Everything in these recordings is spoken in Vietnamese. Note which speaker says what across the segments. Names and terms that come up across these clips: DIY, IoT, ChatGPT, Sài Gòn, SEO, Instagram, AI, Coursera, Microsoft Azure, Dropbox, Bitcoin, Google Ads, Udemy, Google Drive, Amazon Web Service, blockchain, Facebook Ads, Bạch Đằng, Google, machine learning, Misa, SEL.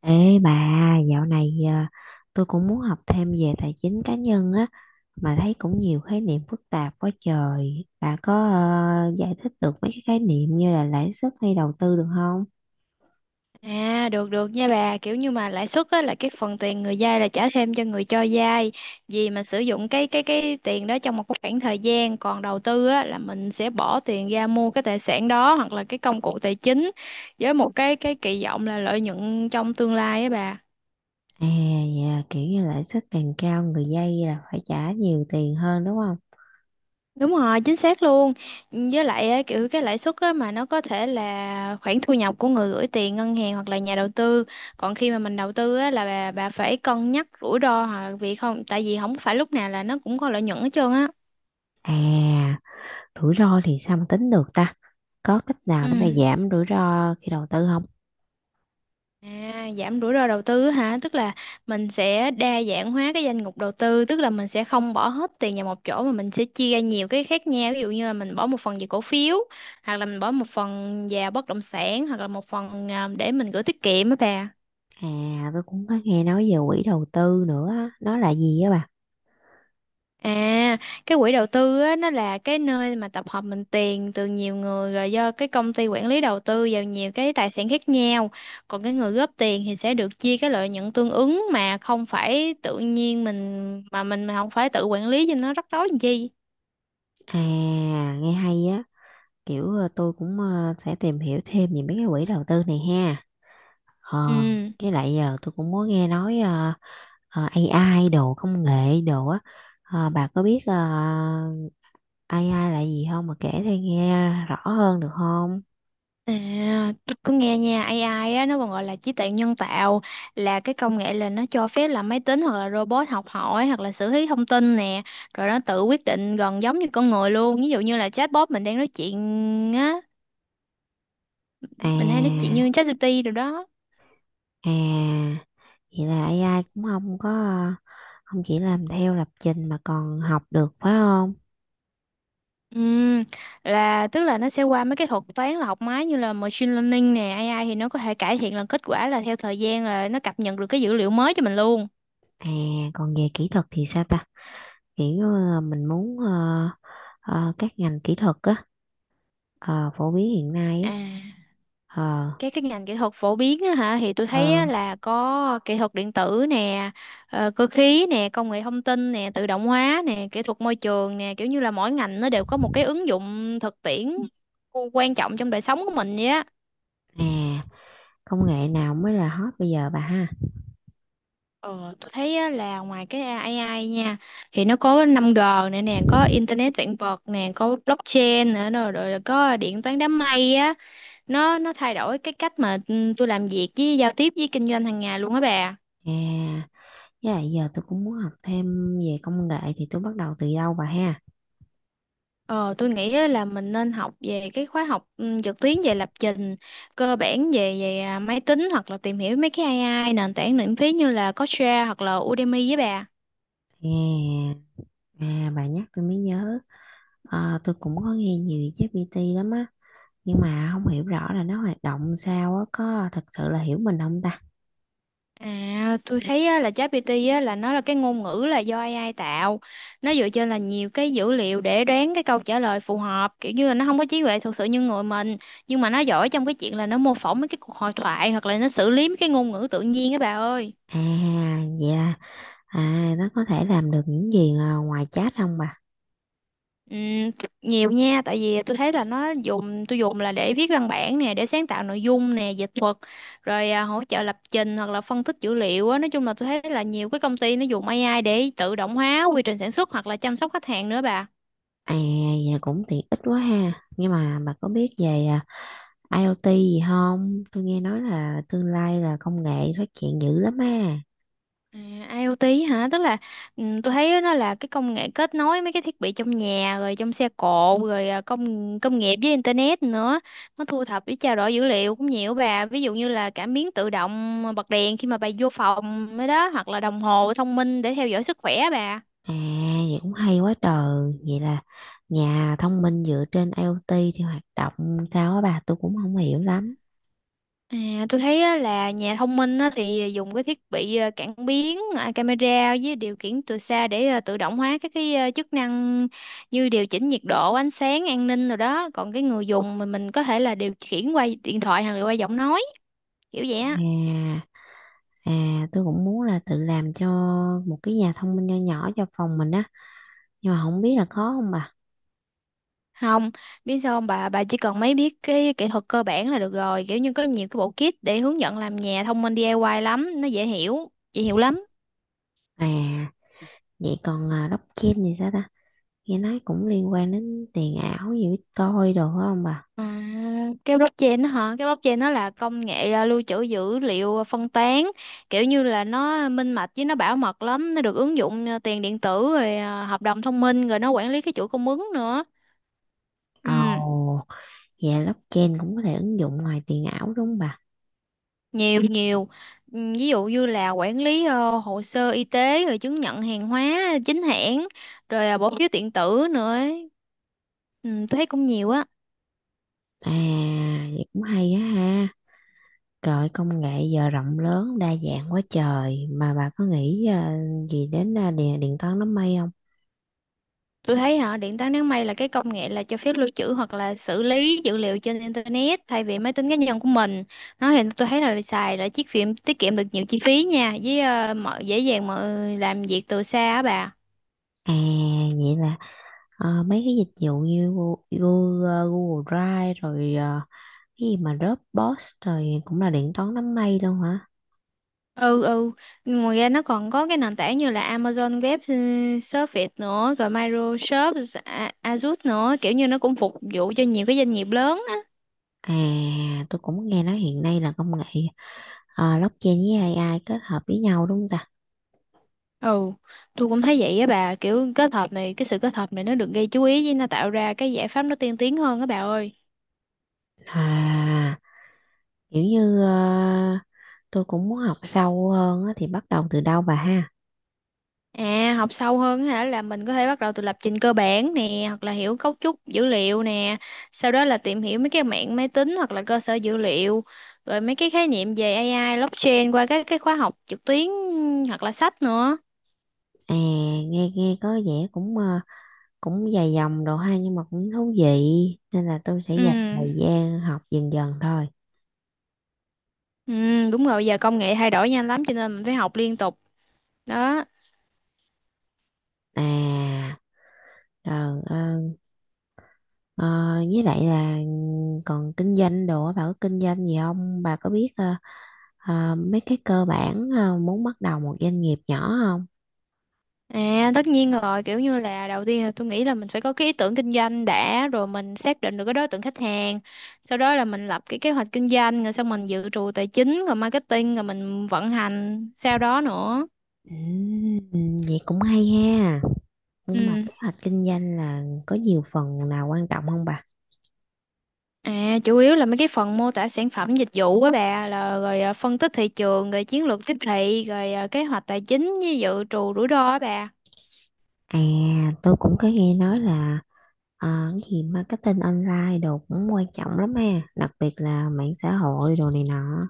Speaker 1: Ê bà, dạo này à, tôi cũng muốn học thêm về tài chính cá nhân á, mà thấy cũng nhiều khái niệm phức tạp quá trời. Bà có giải thích được mấy cái khái niệm như là lãi suất hay đầu tư được không?
Speaker 2: À, được được nha bà. Kiểu như mà lãi suất á, là cái phần tiền người vay là trả thêm cho người cho vay vì mình sử dụng cái tiền đó trong một cái khoảng thời gian. Còn đầu tư á, là mình sẽ bỏ tiền ra mua cái tài sản đó hoặc là cái công cụ tài chính với một cái kỳ vọng là lợi nhuận trong tương lai á bà.
Speaker 1: À, dạ, kiểu như lãi suất càng cao người vay là phải trả nhiều tiền hơn đúng không?
Speaker 2: Đúng rồi, chính xác luôn. Với lại á, kiểu cái lãi suất á, mà nó có thể là khoản thu nhập của người gửi tiền ngân hàng hoặc là nhà đầu tư. Còn khi mà mình đầu tư á, là bà phải cân nhắc rủi ro, hoặc vì không, tại vì không phải lúc nào là nó cũng có lợi nhuận hết trơn á.
Speaker 1: À, rủi ro thì sao mà tính được ta? Có cách nào
Speaker 2: Ừ.
Speaker 1: để mà giảm rủi ro khi đầu tư không?
Speaker 2: À, giảm rủi ro đầu tư hả? Tức là mình sẽ đa dạng hóa cái danh mục đầu tư, tức là mình sẽ không bỏ hết tiền vào một chỗ mà mình sẽ chia ra nhiều cái khác nhau. Ví dụ như là mình bỏ một phần về cổ phiếu, hoặc là mình bỏ một phần vào bất động sản, hoặc là một phần để mình gửi tiết kiệm á bà.
Speaker 1: À, tôi cũng có nghe nói về quỹ đầu tư nữa, á, nó là gì á bà?
Speaker 2: À, cái quỹ đầu tư á, nó là cái nơi mà tập hợp mình tiền từ nhiều người rồi do cái công ty quản lý đầu tư vào nhiều cái tài sản khác nhau. Còn cái người góp tiền thì sẽ được chia cái lợi nhuận tương ứng, mà không phải tự nhiên mình mà không phải tự quản lý cho nó rắc rối làm chi.
Speaker 1: À, nghe hay á. Kiểu tôi cũng sẽ tìm hiểu thêm về mấy cái quỹ đầu tư này ha. ờ
Speaker 2: Ừ.
Speaker 1: với lại giờ tôi cũng muốn nghe nói AI đồ công nghệ đồ á. Bà có biết AI là gì không mà kể tôi nghe rõ hơn được không?
Speaker 2: À, tôi cứ nghe nha, AI á, nó còn gọi là trí tuệ nhân tạo, là cái công nghệ là nó cho phép là máy tính hoặc là robot học hỏi hoặc là xử lý thông tin nè, rồi nó tự quyết định gần giống như con người luôn. Ví dụ như là chatbot mình đang nói chuyện á, mình hay nói chuyện
Speaker 1: À,
Speaker 2: như ChatGPT rồi đó.
Speaker 1: à, vậy là AI cũng không có không chỉ làm theo lập trình mà còn học được phải không?
Speaker 2: Ừm, là tức là nó sẽ qua mấy cái thuật toán là học máy, như là machine learning nè, AI thì nó có thể cải thiện là kết quả là theo thời gian, là nó cập nhật được cái dữ liệu mới cho mình luôn.
Speaker 1: À, còn về kỹ thuật thì sao ta? Kiểu mình muốn các ngành kỹ thuật á, ờ, phổ biến hiện nay á.
Speaker 2: À,
Speaker 1: ờ
Speaker 2: cái ngành kỹ thuật phổ biến á hả, thì tôi
Speaker 1: ờ
Speaker 2: thấy á, là có kỹ thuật điện tử nè, cơ khí nè, công nghệ thông tin nè, tự động hóa nè, kỹ thuật môi trường nè, kiểu như là mỗi ngành nó đều có một cái ứng dụng thực tiễn quan trọng trong đời sống của mình vậy á.
Speaker 1: À, công nghệ nào mới là hot bây giờ bà ha?
Speaker 2: Ờ, tôi thấy á, là ngoài cái AI nha, thì nó có năm g nữa nè, có internet vạn vật nè, có blockchain nữa, rồi là có điện toán đám mây á. Nó thay đổi cái cách mà tôi làm việc, với giao tiếp, với kinh doanh hàng ngày luôn á bà.
Speaker 1: À, với lại giờ tôi cũng muốn học thêm về công nghệ thì tôi bắt đầu từ đâu bà ha?
Speaker 2: Ờ, tôi nghĩ á là mình nên học về cái khóa học trực tuyến về lập trình cơ bản về về à, máy tính, hoặc là tìm hiểu mấy cái AI nền tảng miễn phí như là Coursera hoặc là Udemy với bà.
Speaker 1: À, à, bà nhắc tôi mới nhớ. Tôi cũng có nghe nhiều về ChatGPT lắm á, nhưng mà không hiểu rõ là nó hoạt động sao á, có thật sự là hiểu mình không ta?
Speaker 2: À, tôi thấy á, là ChatGPT á, là nó là cái ngôn ngữ là do AI tạo. Nó dựa trên là nhiều cái dữ liệu để đoán cái câu trả lời phù hợp, kiểu như là nó không có trí tuệ thực sự như người mình, nhưng mà nó giỏi trong cái chuyện là nó mô phỏng mấy cái cuộc hội thoại hoặc là nó xử lý mấy cái ngôn ngữ tự nhiên á bà ơi.
Speaker 1: À, vậy là nó có thể làm được những gì ngoài chat không bà?
Speaker 2: Ừ, nhiều nha, tại vì tôi thấy là nó dùng tôi dùng là để viết văn bản nè, để sáng tạo nội dung nè, dịch thuật, rồi hỗ trợ lập trình, hoặc là phân tích dữ liệu á. Nói chung là tôi thấy là nhiều cái công ty nó dùng AI để tự động hóa quy trình sản xuất, hoặc là chăm sóc khách hàng nữa bà.
Speaker 1: À, vậy cũng tiện ích quá ha, nhưng mà bà có biết về IoT gì không? Tôi nghe nói là tương lai là công nghệ phát triển dữ lắm á.
Speaker 2: À, IoT hả? Tức là tôi thấy nó là cái công nghệ kết nối mấy cái thiết bị trong nhà, rồi trong xe cộ, rồi à, công công nghiệp với internet nữa. Nó thu thập với trao đổi dữ liệu cũng nhiều bà. Ví dụ như là cảm biến tự động bật đèn khi mà bà vô phòng mới đó, hoặc là đồng hồ thông minh để theo dõi sức khỏe bà.
Speaker 1: À, vậy cũng hay quá trời. Vậy là nhà thông minh dựa trên IoT thì hoạt động sao á bà? Tôi cũng không hiểu lắm.
Speaker 2: À, tôi thấy á, là nhà thông minh á, thì dùng cái thiết bị cảm biến, camera với điều khiển từ xa để tự động hóa các cái chức năng như điều chỉnh nhiệt độ, ánh sáng, an ninh rồi đó. Còn cái người dùng mình có thể là điều khiển qua điện thoại hoặc là qua giọng nói, kiểu vậy
Speaker 1: À,
Speaker 2: á.
Speaker 1: à, tôi cũng muốn là tự làm cho một cái nhà thông minh nho nhỏ cho phòng mình á. Nhưng mà không biết là khó không bà?
Speaker 2: Không, biết sao không bà, bà chỉ cần mấy biết cái kỹ thuật cơ bản là được rồi. Kiểu như có nhiều cái bộ kit để hướng dẫn làm nhà thông minh DIY lắm, nó dễ hiểu lắm.
Speaker 1: À, vậy còn blockchain thì sao ta? Nghe nói cũng liên quan đến tiền ảo gì Bitcoin đồ phải không bà?
Speaker 2: À, cái blockchain đó hả? Cái blockchain nó là công nghệ lưu trữ dữ liệu phân tán, kiểu như là nó minh bạch với nó bảo mật lắm, nó được ứng dụng tiền điện tử, rồi hợp đồng thông minh, rồi nó quản lý cái chuỗi cung ứng nữa.
Speaker 1: Ồ.
Speaker 2: Ừ,
Speaker 1: Dạ blockchain cũng có thể ứng dụng ngoài tiền ảo đúng không bà?
Speaker 2: nhiều nhiều. Ừ, ví dụ như là quản lý hồ sơ y tế, rồi chứng nhận hàng hóa chính hãng, rồi bỏ phiếu điện tử nữa ấy. Ừ, tôi thấy cũng nhiều á.
Speaker 1: À, vậy cũng hay á ha. Trời ơi, công nghệ giờ rộng lớn đa dạng quá trời, mà bà có nghĩ gì đến điện điện toán đám mây không?
Speaker 2: Tôi thấy họ điện toán đám mây là cái công nghệ là cho phép lưu trữ hoặc là xử lý dữ liệu trên internet thay vì máy tính cá nhân của mình. Nó thì tôi thấy là xài là chiếc phim tiết kiệm được nhiều chi phí nha, với mọi dễ dàng mọi làm việc từ xa á bà.
Speaker 1: À, vậy là mấy cái dịch vụ như Google Drive rồi cái gì mà Dropbox rồi cũng là điện toán đám mây luôn hả?
Speaker 2: Ừ, ngoài ra nó còn có cái nền tảng như là Amazon Web Service nữa, rồi Microsoft Azure nữa, kiểu như nó cũng phục vụ cho nhiều cái doanh nghiệp lớn.
Speaker 1: À, tôi cũng nghe nói hiện nay là công nghệ blockchain với AI kết hợp với nhau đúng không ta?
Speaker 2: Ừ, tôi cũng thấy vậy á bà, kiểu cái sự kết hợp này nó được gây chú ý với nó tạo ra cái giải pháp nó tiên tiến hơn á bà ơi.
Speaker 1: À, kiểu như tôi cũng muốn học sâu hơn á, thì bắt đầu từ đâu bà ha?
Speaker 2: À, học sâu hơn á hả, là mình có thể bắt đầu từ lập trình cơ bản nè, hoặc là hiểu cấu trúc dữ liệu nè, sau đó là tìm hiểu mấy cái mạng máy tính hoặc là cơ sở dữ liệu, rồi mấy cái khái niệm về AI, blockchain qua các cái khóa học trực tuyến hoặc là sách nữa.
Speaker 1: À, nghe nghe có vẻ cũng cũng dài dòng đồ ha, nhưng mà cũng thú vị nên là tôi sẽ
Speaker 2: Ừ,
Speaker 1: dành thời gian học dần dần thôi.
Speaker 2: ừ, Đúng rồi, giờ công nghệ thay đổi nhanh lắm, cho nên mình phải học liên tục. Đó.
Speaker 1: À, rồi ờ, với lại là còn kinh doanh đồ á, bà có kinh doanh gì không? Bà có biết mấy cái cơ bản muốn bắt đầu một doanh nghiệp nhỏ không?
Speaker 2: À, tất nhiên rồi, kiểu như là đầu tiên là tôi nghĩ là mình phải có cái ý tưởng kinh doanh đã, rồi mình xác định được cái đối tượng khách hàng, sau đó là mình lập cái kế hoạch kinh doanh, rồi xong mình dự trù tài chính, rồi marketing, rồi mình vận hành sau đó nữa.
Speaker 1: Ừ, vậy cũng hay ha. Nhưng mà
Speaker 2: ừ
Speaker 1: kế hoạch kinh doanh là có nhiều phần nào quan trọng không bà?
Speaker 2: À, chủ yếu là mấy cái phần mô tả sản phẩm dịch vụ á bà, là rồi phân tích thị trường, rồi chiến lược tiếp thị, rồi kế hoạch tài chính với dự trù rủi ro á bà.
Speaker 1: À, tôi cũng có nghe nói là cái gì marketing online đồ cũng quan trọng lắm ha, đặc biệt là mạng xã hội đồ này nọ.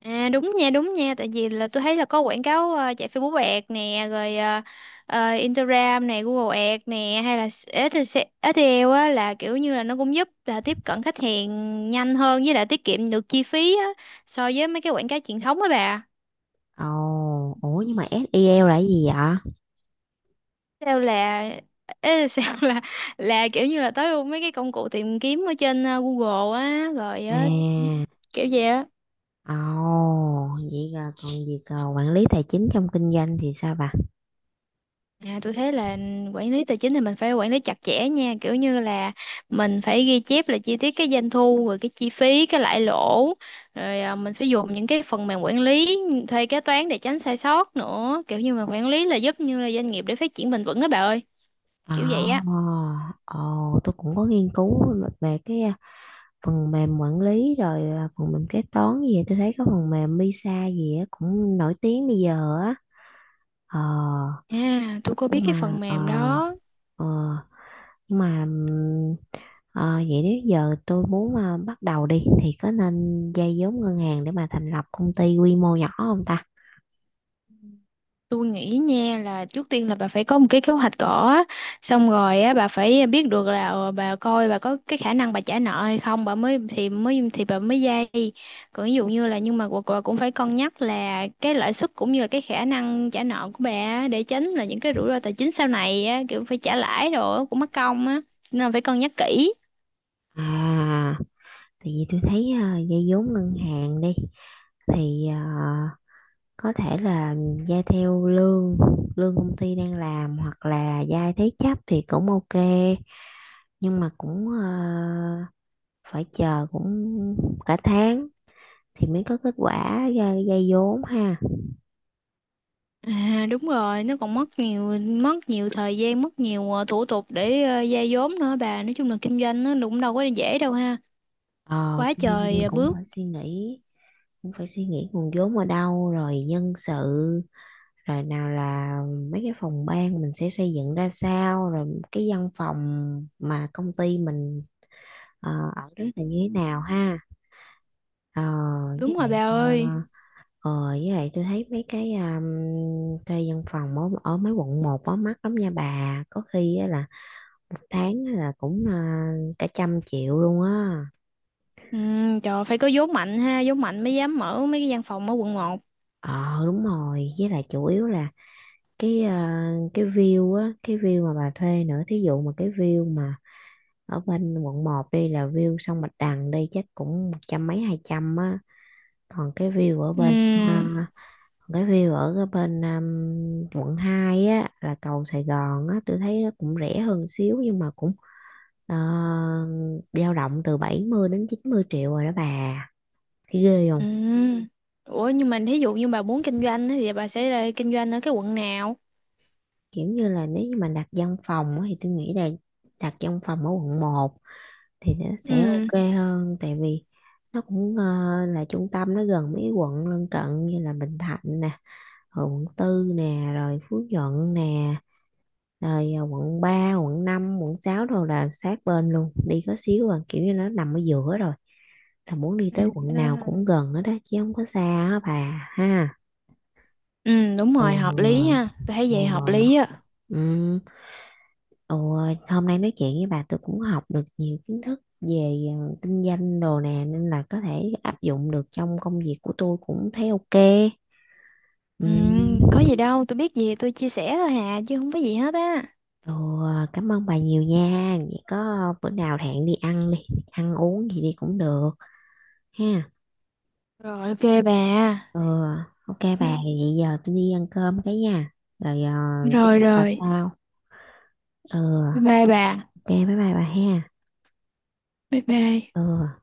Speaker 2: À, đúng nha, tại vì là tôi thấy là có quảng cáo chạy Facebook Ads nè, Instagram nè, Google Ads nè, hay là SEO á, là kiểu như là nó cũng giúp là tiếp cận khách hàng nhanh hơn, với lại tiết kiệm được chi phí á so với mấy cái quảng cáo truyền thống á bà.
Speaker 1: Ồ, ủa nhưng mà SEL là cái gì vậy? À,
Speaker 2: Sao là ê, sao là kiểu như là tới mấy cái công cụ tìm kiếm ở trên Google á, rồi ờ, kiểu vậy á.
Speaker 1: ồ, vậy là còn việc quản lý tài chính trong kinh doanh thì sao bà?
Speaker 2: À, tôi thấy là quản lý tài chính thì mình phải quản lý chặt chẽ nha, kiểu như là mình phải ghi chép là chi tiết cái doanh thu, rồi cái chi phí, cái lãi lỗ, rồi mình phải dùng những cái phần mềm quản lý, thuê kế toán để tránh sai sót nữa, kiểu như mà quản lý là giúp như là doanh nghiệp để phát triển bền vững á bà ơi,
Speaker 1: À,
Speaker 2: kiểu vậy á.
Speaker 1: ồ, tôi cũng có nghiên cứu về cái phần mềm quản lý rồi phần mềm kế toán gì á. Tôi thấy có phần mềm Misa gì á cũng nổi tiếng bây giờ á. ờ
Speaker 2: À, tôi có
Speaker 1: nhưng.
Speaker 2: biết
Speaker 1: Ừ.
Speaker 2: cái
Speaker 1: Mà
Speaker 2: phần mềm đó.
Speaker 1: ờ, nhưng mà vậy nếu giờ tôi muốn bắt đầu đi thì có nên vay vốn ngân hàng để mà thành lập công ty quy mô nhỏ không ta?
Speaker 2: Tôi nghĩ nha, là trước tiên là bà phải có một cái kế hoạch cỏ á. Xong rồi á bà phải biết được là bà coi bà có cái khả năng bà trả nợ hay không, bà mới thì bà mới vay. Còn ví dụ như là, nhưng mà bà cũng phải cân nhắc là cái lãi suất cũng như là cái khả năng trả nợ của bà á, để tránh là những cái rủi ro tài chính sau này á, kiểu phải trả lãi đồ á, cũng mất công á, nên là phải cân nhắc kỹ.
Speaker 1: À, tại vì tôi thấy vay vốn ngân hàng đi thì có thể là gia theo lương lương công ty đang làm hoặc là gia thế chấp thì cũng ok, nhưng mà cũng phải chờ cũng cả tháng thì mới có kết quả gia vốn ha.
Speaker 2: À, đúng rồi, nó còn mất nhiều thời gian, mất nhiều thủ tục để vay vốn nữa bà. Nói chung là kinh doanh nó cũng đâu có dễ đâu ha.
Speaker 1: Ờ
Speaker 2: Quá
Speaker 1: Kinh
Speaker 2: trời à, bước.
Speaker 1: cũng phải suy nghĩ nguồn vốn ở đâu, rồi nhân sự, rồi nào là mấy cái phòng ban mình sẽ xây dựng ra sao, rồi cái văn phòng mà công ty mình ở đó là như thế nào ha. Ờ, với
Speaker 2: Đúng rồi
Speaker 1: lại
Speaker 2: bà ơi.
Speaker 1: tôi thấy mấy cái thuê văn phòng ở mấy quận một á mắc lắm nha, bà có khi á là một tháng á là cũng cả trăm triệu luôn á.
Speaker 2: Ừ, trời, phải có vốn mạnh ha, vốn mạnh mới dám mở mấy cái văn phòng ở quận một.
Speaker 1: Ờ Đúng rồi, với lại chủ yếu là cái cái view á, cái view mà bà thuê nữa, thí dụ mà cái view mà ở bên quận một đi là view sông Bạch Đằng đi chắc cũng một trăm mấy hai trăm á, còn cái view ở bên ờ,
Speaker 2: Ừ.
Speaker 1: cái view ở cái bên quận 2 á là cầu Sài Gòn á, tôi thấy nó cũng rẻ hơn xíu nhưng mà cũng dao động từ 70 đến 90 triệu rồi đó bà, thấy ghê không?
Speaker 2: Ừ. Ủa nhưng mà thí dụ như bà muốn kinh doanh á, thì bà sẽ ra kinh doanh ở cái quận nào?
Speaker 1: Kiểu như là nếu như mà đặt văn phòng á, thì tôi nghĩ là đặt văn phòng ở quận một thì nó sẽ
Speaker 2: Ừ.
Speaker 1: ok hơn, tại vì nó cũng là trung tâm, nó gần mấy quận lân cận như là Bình Thạnh nè, rồi quận tư nè, rồi Phú Nhuận nè, rồi quận ba, quận năm, quận 6 rồi là sát bên luôn đi có xíu kiểu như nó nằm ở giữa rồi, là muốn đi tới quận, Ừ, nào
Speaker 2: À,
Speaker 1: cũng gần hết đó chứ không có xa á bà ha.
Speaker 2: ừ đúng
Speaker 1: Ừ,
Speaker 2: rồi, hợp lý ha, tôi thấy vậy hợp lý
Speaker 1: ừ,
Speaker 2: á.
Speaker 1: ừ. Ừ, hôm nay nói chuyện với bà tôi cũng học được nhiều kiến thức về kinh doanh đồ nè, nên là có thể áp dụng được trong công việc của tôi, cũng thấy ok.
Speaker 2: Ừ,
Speaker 1: Ừ.
Speaker 2: có gì đâu, tôi biết gì thì tôi chia sẻ thôi hà, chứ không có gì hết á.
Speaker 1: Ồ, cảm ơn bà nhiều nha. Vậy có bữa nào hẹn đi, ăn uống gì đi cũng được ha.
Speaker 2: Rồi, ok bà.
Speaker 1: Ừ, ok bà, vậy giờ tôi đi ăn cơm cái nha. Rồi cứ
Speaker 2: rồi
Speaker 1: bà
Speaker 2: rồi
Speaker 1: sau. Ừ,
Speaker 2: Bye bye bà.
Speaker 1: ok bye bye bà ha.
Speaker 2: Bye bye.
Speaker 1: Ừ.